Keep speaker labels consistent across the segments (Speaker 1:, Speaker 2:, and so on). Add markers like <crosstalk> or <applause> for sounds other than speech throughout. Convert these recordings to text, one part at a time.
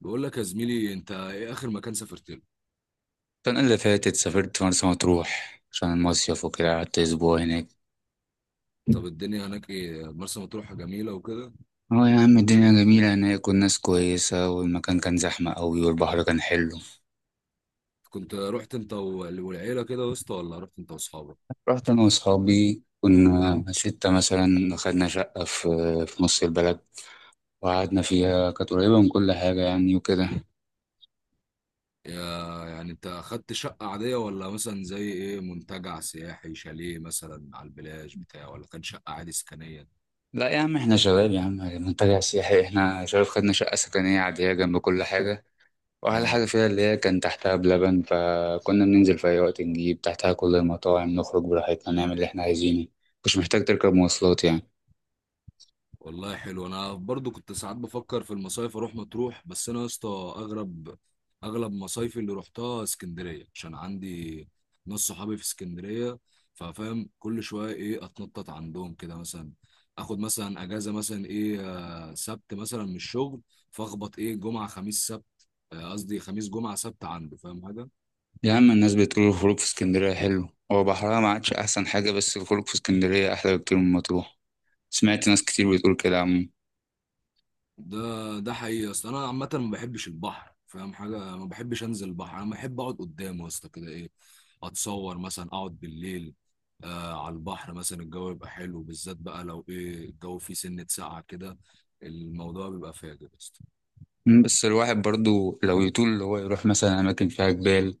Speaker 1: بقول لك يا زميلي، انت ايه اخر مكان سافرت له؟
Speaker 2: السنة اللي فاتت سافرت مرسى مطروح عشان المصيف وكده، قعدت أسبوع هناك.
Speaker 1: طب الدنيا هناك ايه؟ مرسى مطروح جميله وكده؟
Speaker 2: اه يا عم، الدنيا جميلة هناك والناس كويسة والمكان كان زحمة أوي والبحر كان حلو.
Speaker 1: كنت رحت انت والعيله كده يا اسطى، ولا رحت انت واصحابك؟
Speaker 2: رحت أنا وأصحابي، كنا ستة مثلا، خدنا شقة في نص البلد، وقعدنا فيها، كانت قريبة من كل حاجة يعني وكده.
Speaker 1: يعني انت اخدت شقه عاديه، ولا مثلا زي ايه؟ منتجع سياحي، شاليه مثلا على البلاج بتاع، ولا كان شقه عادي سكنيه؟
Speaker 2: لا يا عم، احنا شباب يا عم، منتجع سياحي؟ احنا شباب، خدنا شقة سكنية عادية جنب كل حاجة. واحلى
Speaker 1: اه
Speaker 2: حاجه فيها اللي هي كان تحتها بلبن، فكنا بننزل في اي وقت نجيب تحتها كل المطاعم، نخرج براحتنا، نعمل اللي احنا عايزينه. مش محتاج تركب مواصلات يعني.
Speaker 1: والله حلو. انا برضو كنت ساعات بفكر في المصايف اروح مطروح، بس انا يا اسطى اغرب اغلب مصايفي اللي روحتها اسكندريه، عشان عندي ناس صحابي في اسكندريه. ففاهم، كل شويه ايه اتنطط عندهم كده مثلا، اخد مثلا اجازه مثلا ايه، سبت مثلا من الشغل، فاخبط ايه جمعه خميس سبت، قصدي خميس جمعه سبت عنده، فاهم حاجه؟
Speaker 2: يا عم، الناس بتقول الخروج في اسكندريه حلو. هو بحرها ما عادش احسن حاجه، بس الخروج في اسكندريه احلى بكتير من مطروح. سمعت ناس كتير بتقول كده، عم.
Speaker 1: ده ده حقيقي. اصل انا عامه ما بحبش البحر، فاهم حاجه؟ ما بحبش انزل البحر، انا بحب اقعد قدامه يا اسطى كده ايه، اتصور مثلا اقعد بالليل آه على البحر مثلا، الجو يبقى حلو، بالذات بقى لو ايه الجو فيه سنه ساقعه كده، الموضوع بيبقى فاجر يا اسطى.
Speaker 2: بس الواحد برضو لو يطول اللي هو يروح مثلا أماكن فيها جبال،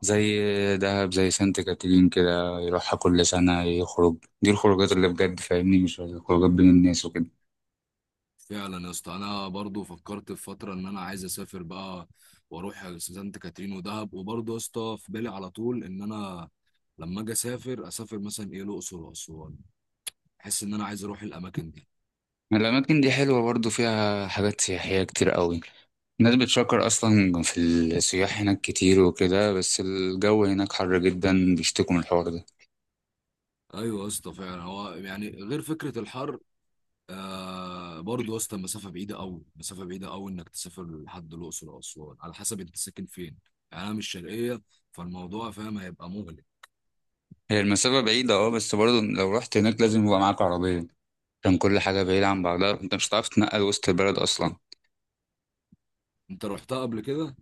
Speaker 2: زي دهب، زي سانت كاترين كده، يروحها كل سنة يخرج. دي الخروجات اللي بجد فاهمني، مش الخروجات بين الناس وكده.
Speaker 1: فعلا يا اسطى انا برضو فكرت في فتره ان انا عايز اسافر بقى، واروح سانت كاترين ودهب. وبرضو يا اسطى في بالي على طول ان انا لما اجي اسافر، اسافر مثلا ايه الاقصر واسوان، احس ان انا عايز اروح الاماكن دي.
Speaker 2: الأماكن دي حلوة برضو، فيها حاجات سياحية كتير قوي. الناس بتشكر أصلا، في السياح هناك كتير وكده، بس الجو هناك حر جدا، بيشتكوا من الحوار ده.
Speaker 1: ايوه يا اسطى فعلا، هو يعني غير فكره الحر، آه برضه يا اسطى المسافه بعيده قوي، مسافه بعيده قوي انك تسافر لحد الاقصر او اسوان، على حسب انت ساكن فين. يعني انا مش شرقيه، فالموضوع فاهم هيبقى مغلق.
Speaker 2: هي المسافة بعيدة، اه، بس برضو لو رحت هناك لازم يبقى معاك عربية، عشان كل حاجة بعيدة عن بعضها، انت مش هتعرف تتنقل وسط البلد أصلا.
Speaker 1: انت رحتها قبل كده؟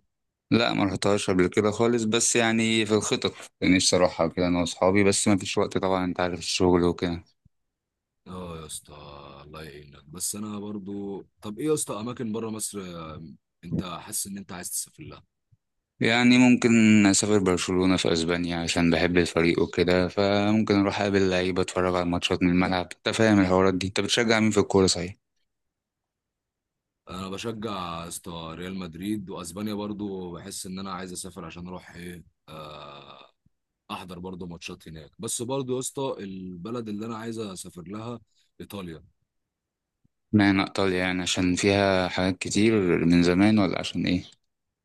Speaker 2: لا، ما رحتهاش قبل كده خالص، بس يعني في الخطط، يعني نفسي أروحها كده أنا وأصحابي، بس ما فيش وقت طبعا، أنت عارف الشغل وكده.
Speaker 1: اه يا اسطى. الله يعينك. بس انا برضه طب ايه يا اسطى اماكن بره مصر انت حاسس ان انت عايز تسافر لها؟
Speaker 2: يعني ممكن أسافر برشلونة في أسبانيا عشان بحب الفريق وكده، فممكن أروح أقابل لعيبة أتفرج على الماتشات من الملعب. أنت فاهم الحوارات دي. أنت بتشجع مين في الكورة صحيح؟
Speaker 1: انا بشجع يا اسطى ريال مدريد، واسبانيا برضه بحس ان انا عايز اسافر عشان اروح ايه آه، احضر برضو ماتشات هناك. بس برضو يا اسطى البلد اللي انا عايز اسافر لها ايطاليا.
Speaker 2: اشمعنى إيطاليا؟ يعني عشان فيها حاجات كتير من زمان، ولا عشان إيه؟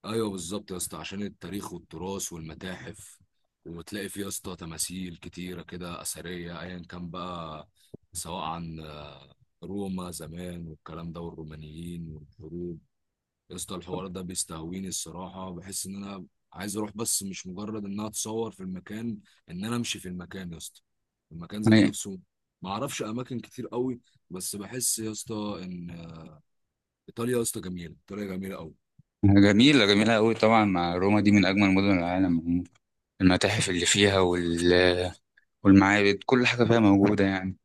Speaker 1: ايوه بالظبط يا اسطى، عشان التاريخ والتراث والمتاحف، وتلاقي فيه يا اسطى تماثيل كتيره كده اثريه ايا كان بقى، سواء عن روما زمان والكلام ده والرومانيين والحروب. يا اسطى الحوار ده بيستهويني الصراحة، بحس ان انا عايز اروح، بس مش مجرد انها تصور في المكان، ان انا امشي في المكان يا اسطى، المكان ذات
Speaker 2: أي-
Speaker 1: نفسه. ما اعرفش اماكن كتير قوي، بس بحس يا اسطى ان ايطاليا يا اسطى جميلة، ايطاليا جميلة قوي.
Speaker 2: جميلة، جميلة أوي طبعا. مع روما دي من أجمل مدن العالم. المتاحف اللي فيها والمعابد، كل حاجة فيها موجودة يعني.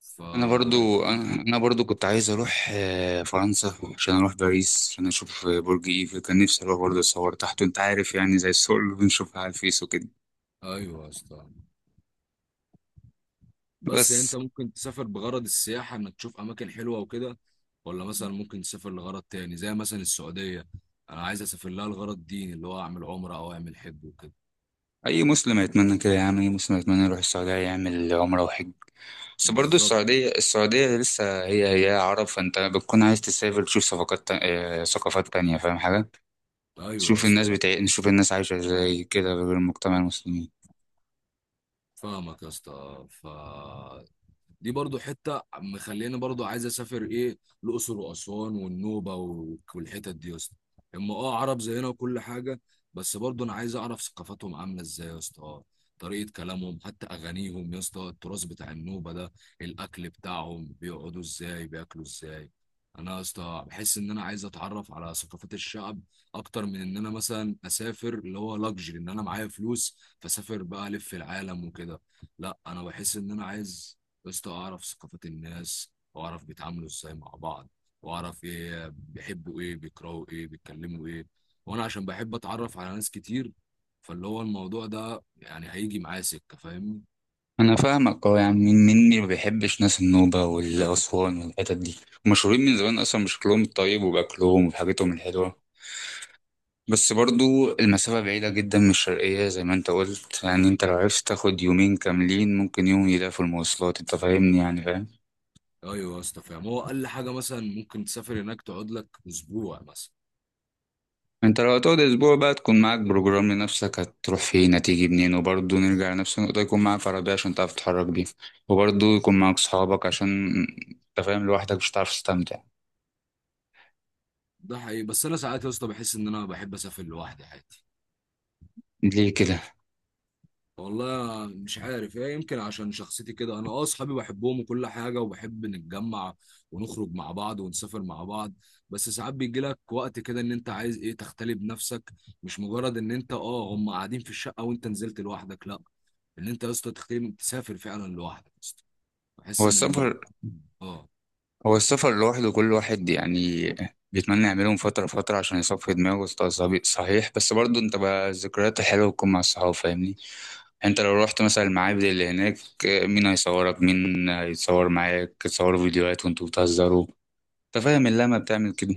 Speaker 1: ف
Speaker 2: انا برضو كنت عايز اروح فرنسا، عشان اروح باريس عشان اشوف برج ايفل، كان نفسي اروح برضو اتصور تحته، انت عارف، يعني زي الصور اللي بنشوفها على الفيس وكده.
Speaker 1: ايوه يا اسطى، بس يعني انت
Speaker 2: بس
Speaker 1: ممكن تسافر بغرض السياحة، انك تشوف اماكن حلوة وكده، ولا مثلا ممكن تسافر لغرض تاني، زي مثلا السعودية انا عايز اسافر لها لغرض ديني، اللي هو اعمل عمرة او اعمل حج وكده.
Speaker 2: اي مسلم يتمنى كده يا عم، اي مسلم يتمنى يروح السعوديه يعمل عمره وحج. بس برضو
Speaker 1: بالظبط،
Speaker 2: السعوديه لسه هي هي عرب، فانت بتكون عايز تسافر تشوف ثقافات ثقافات تانية، فاهم حاجه.
Speaker 1: ايوه يا
Speaker 2: تشوف الناس
Speaker 1: اسطى.
Speaker 2: بتاع نشوف الناس عايشه ازاي كده، غير المجتمع المسلمين.
Speaker 1: فاهمك يا اسطى. ف دي برضو حتة مخليني برضو عايز اسافر ايه، الاقصر واسوان والنوبة والحتت دي يا اسطى. اما اه عرب زينا وكل حاجة، بس برضو انا عايز اعرف ثقافتهم عاملة ازاي يا اسطى، طريقة كلامهم حتى، اغانيهم يا اسطى، التراث بتاع النوبة ده، الاكل بتاعهم، بيقعدوا ازاي، بياكلوا ازاي. انا يا اسطى بحس ان انا عايز اتعرف على ثقافات الشعب، اكتر من ان انا مثلا اسافر اللي هو لاكجري، ان انا معايا فلوس فسافر بقى الف العالم وكده. لا انا بحس ان انا عايز يا اسطى اعرف ثقافات الناس، واعرف بيتعاملوا ازاي مع بعض، واعرف ايه بيحبوا، ايه بيكرهوا، ايه بيتكلموا ايه. وانا عشان بحب اتعرف على ناس كتير، فاللي هو الموضوع ده يعني هيجي معايا سكه، فاهمني؟
Speaker 2: انا فاهمك، اه، يعني مين مني ما بيحبش ناس النوبة والاسوان والحتت دي، مشهورين من زمان اصلا بشكلهم الطيب وباكلهم وبحاجتهم الحلوة. بس برضو المسافة بعيدة جدا من الشرقية زي ما انت قلت، يعني انت لو عرفت تاخد يومين كاملين، ممكن يوم يلاقي في المواصلات، انت فاهمني يعني، فاهم.
Speaker 1: ايوه يا اسطى فاهم. هو اقل حاجه مثلا ممكن تسافر هناك تقعد لك اسبوع مثلا.
Speaker 2: انت لو هتقعد اسبوع بقى، تكون معاك بروجرام لنفسك، هتروح فين هتيجي منين، وبرضه نرجع لنفس النقطة، يكون معاك عربية عشان تعرف تتحرك بيها، وبرضه يكون معاك صحابك، عشان انت فاهم، لوحدك مش هتعرف تستمتع.
Speaker 1: ده حقيقي، بس انا ساعات يا اسطى بحس ان انا بحب اسافر لوحدي عادي.
Speaker 2: ليه كده؟
Speaker 1: والله مش عارف ايه، يمكن عشان شخصيتي كده. انا اه اصحابي بحبهم وكل حاجه، وبحب نتجمع ونخرج مع بعض ونسافر مع بعض، بس ساعات بيجي لك وقت كده ان انت عايز ايه تختلي بنفسك، مش مجرد ان انت اه هم قاعدين في الشقه وانت نزلت لوحدك، لا، ان انت يا اسطى تختلي، تسافر فعلا لوحدك يا اسطى. بحس
Speaker 2: هو
Speaker 1: ان
Speaker 2: السفر
Speaker 1: الموضوع اه.
Speaker 2: هو السفر لوحده كل واحد يعني بيتمنى يعمله من فترة لفترة عشان يصفي دماغه وسط صحيح، بس برضه انت بقى الذكريات الحلوة بتكون مع الصحاب فاهمني. انت لو رحت مثلا المعابد اللي هناك، مين هيصورك؟ مين هيتصور معاك؟ تصوروا فيديوهات وانتوا بتهزروا. انت فاهم اللمة بتعمل كده.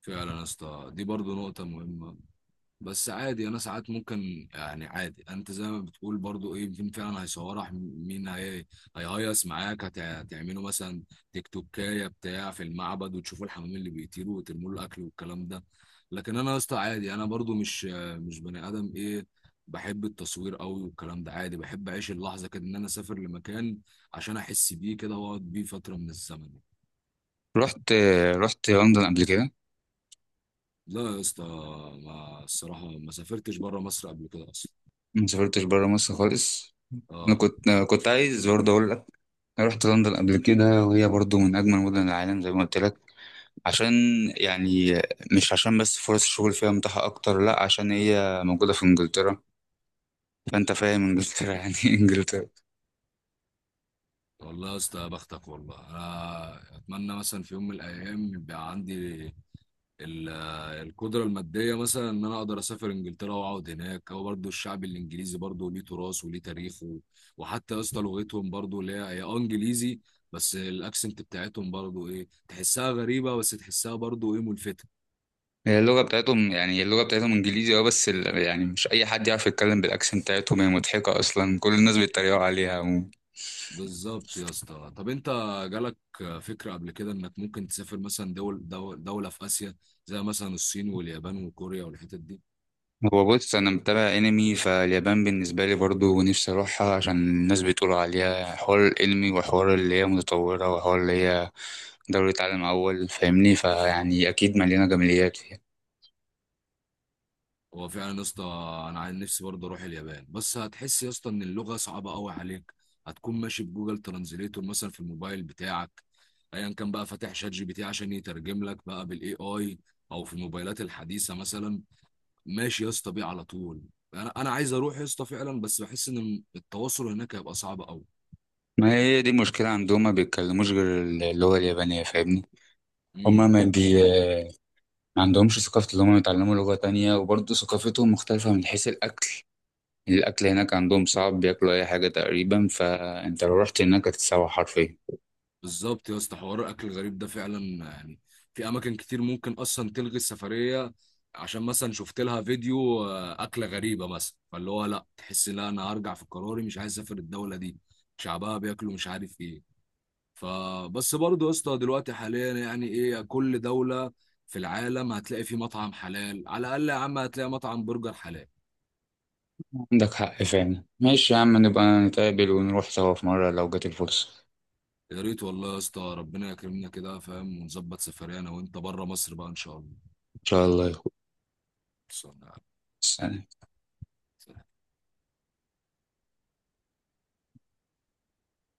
Speaker 1: فعلا يا اسطى دي برضو نقطه مهمه. بس عادي انا ساعات ممكن يعني عادي، انت زي ما بتقول برضو ايه، مين فعلا هيصورك، مين هي هيهيص معاك، هتعملوا مثلا تيك توكايه بتاع في المعبد، وتشوفوا الحمام اللي بيطيروا وترموا له الاكل والكلام ده. لكن انا يا اسطى عادي، انا برضو مش بني ادم ايه بحب التصوير قوي والكلام ده، عادي بحب اعيش اللحظه كده، ان انا اسافر لمكان عشان احس بيه كده، واقعد بيه فتره من الزمن.
Speaker 2: رحت لندن قبل كده؟
Speaker 1: لا يا اسطى. ما الصراحه ما سافرتش بره مصر قبل كده اصلا.
Speaker 2: ما سافرتش بره مصر خالص؟ انا
Speaker 1: اه.
Speaker 2: كنت آه، كنت عايز برضه اقول لك. أنا رحت لندن قبل كده، وهي برضه من اجمل مدن العالم زي ما قلت لك. عشان، يعني، مش عشان بس فرص الشغل فيها متاحة أكتر، لأ، عشان هي موجودة في إنجلترا. فأنت فاهم إنجلترا <laughs> يعني إيه إنجلترا.
Speaker 1: والله يا اسطى يا بختك والله. انا اتمنى مثلا في يوم من الايام يبقى عندي القدره الماديه، مثلا ان انا اقدر اسافر انجلترا واقعد هناك، او برضو الشعب الانجليزي برضو ليه تراث وليه تاريخه. وحتى يا اسطى لغتهم برضو اللي هي اه انجليزي، بس الاكسنت بتاعتهم برضو ايه تحسها غريبه، بس تحسها برضو ايه ملفته.
Speaker 2: هي اللغة بتاعتهم، يعني اللغة بتاعتهم إنجليزي، أه، بس يعني مش أي حد يعرف يتكلم بالأكسنت بتاعتهم، هي مضحكة أصلا، كل الناس بيتريقوا عليها عموما.
Speaker 1: بالظبط يا اسطى. طب انت جالك فكره قبل كده انك ممكن تسافر مثلا دول دوله في اسيا، زي مثلا الصين واليابان وكوريا والحتت دي؟
Speaker 2: هو بص، أنا متابع أنمي، فاليابان بالنسبة لي برضو نفسي أروحها، عشان الناس بتقول عليها حوار الأنمي وحوار اللي هي متطورة وحوار اللي هي دورة عالم أول، فاهمني، فيعني أكيد مليانة جماليات.
Speaker 1: هو فعلا يا اسطى انا عن نفسي برضه اروح اليابان، بس هتحس يا اسطى ان اللغه صعبه قوي عليك، هتكون ماشي بجوجل ترانزليتور مثلا في الموبايل بتاعك، ايا كان بقى فاتح شات جي بي تي عشان يترجم لك بقى بالاي اي، او في الموبايلات الحديثه مثلا ماشي يا اسطى بيه على طول. انا عايز اروح يا اسطى فعلا، بس بحس ان التواصل هناك هيبقى صعب
Speaker 2: ما هي دي المشكلة عندهم، ما بيتكلموش غير اللغة اليابانية فاهمني.
Speaker 1: قوي.
Speaker 2: هما ما بي ما عندهمش ثقافة اللي هما يتعلموا لغة تانية، وبرضه ثقافتهم مختلفة من حيث الأكل. الأكل هناك عندهم صعب، بياكلوا أي حاجة تقريبا، فأنت لو رحت هناك هتتسوح حرفيا.
Speaker 1: بالظبط يا اسطى، حوار الاكل الغريب ده فعلا يعني في اماكن كتير ممكن اصلا تلغي السفريه، عشان مثلا شفت لها فيديو اكله غريبه مثلا، فاللي هو لا تحس لا انا هرجع في قراري، مش عايز اسافر الدوله دي، شعبها بياكلوا مش عارف ايه. فبس برضه يا اسطى دلوقتي حاليا يعني ايه كل دوله في العالم هتلاقي في مطعم حلال على الاقل، يا عم هتلاقي مطعم برجر حلال.
Speaker 2: عندك حق فعلا، ماشي يا عم، نبقى نتقابل ونروح سوا في مرة لو جت الفرصة.
Speaker 1: يا ريت والله يا اسطى، ربنا يكرمنا كده، فاهم، ونظبط سفرية انا وانت بره مصر بقى ان شاء الله.
Speaker 2: إن شاء الله يا أخوي.
Speaker 1: خلصانة يا
Speaker 2: سلام.
Speaker 1: عم.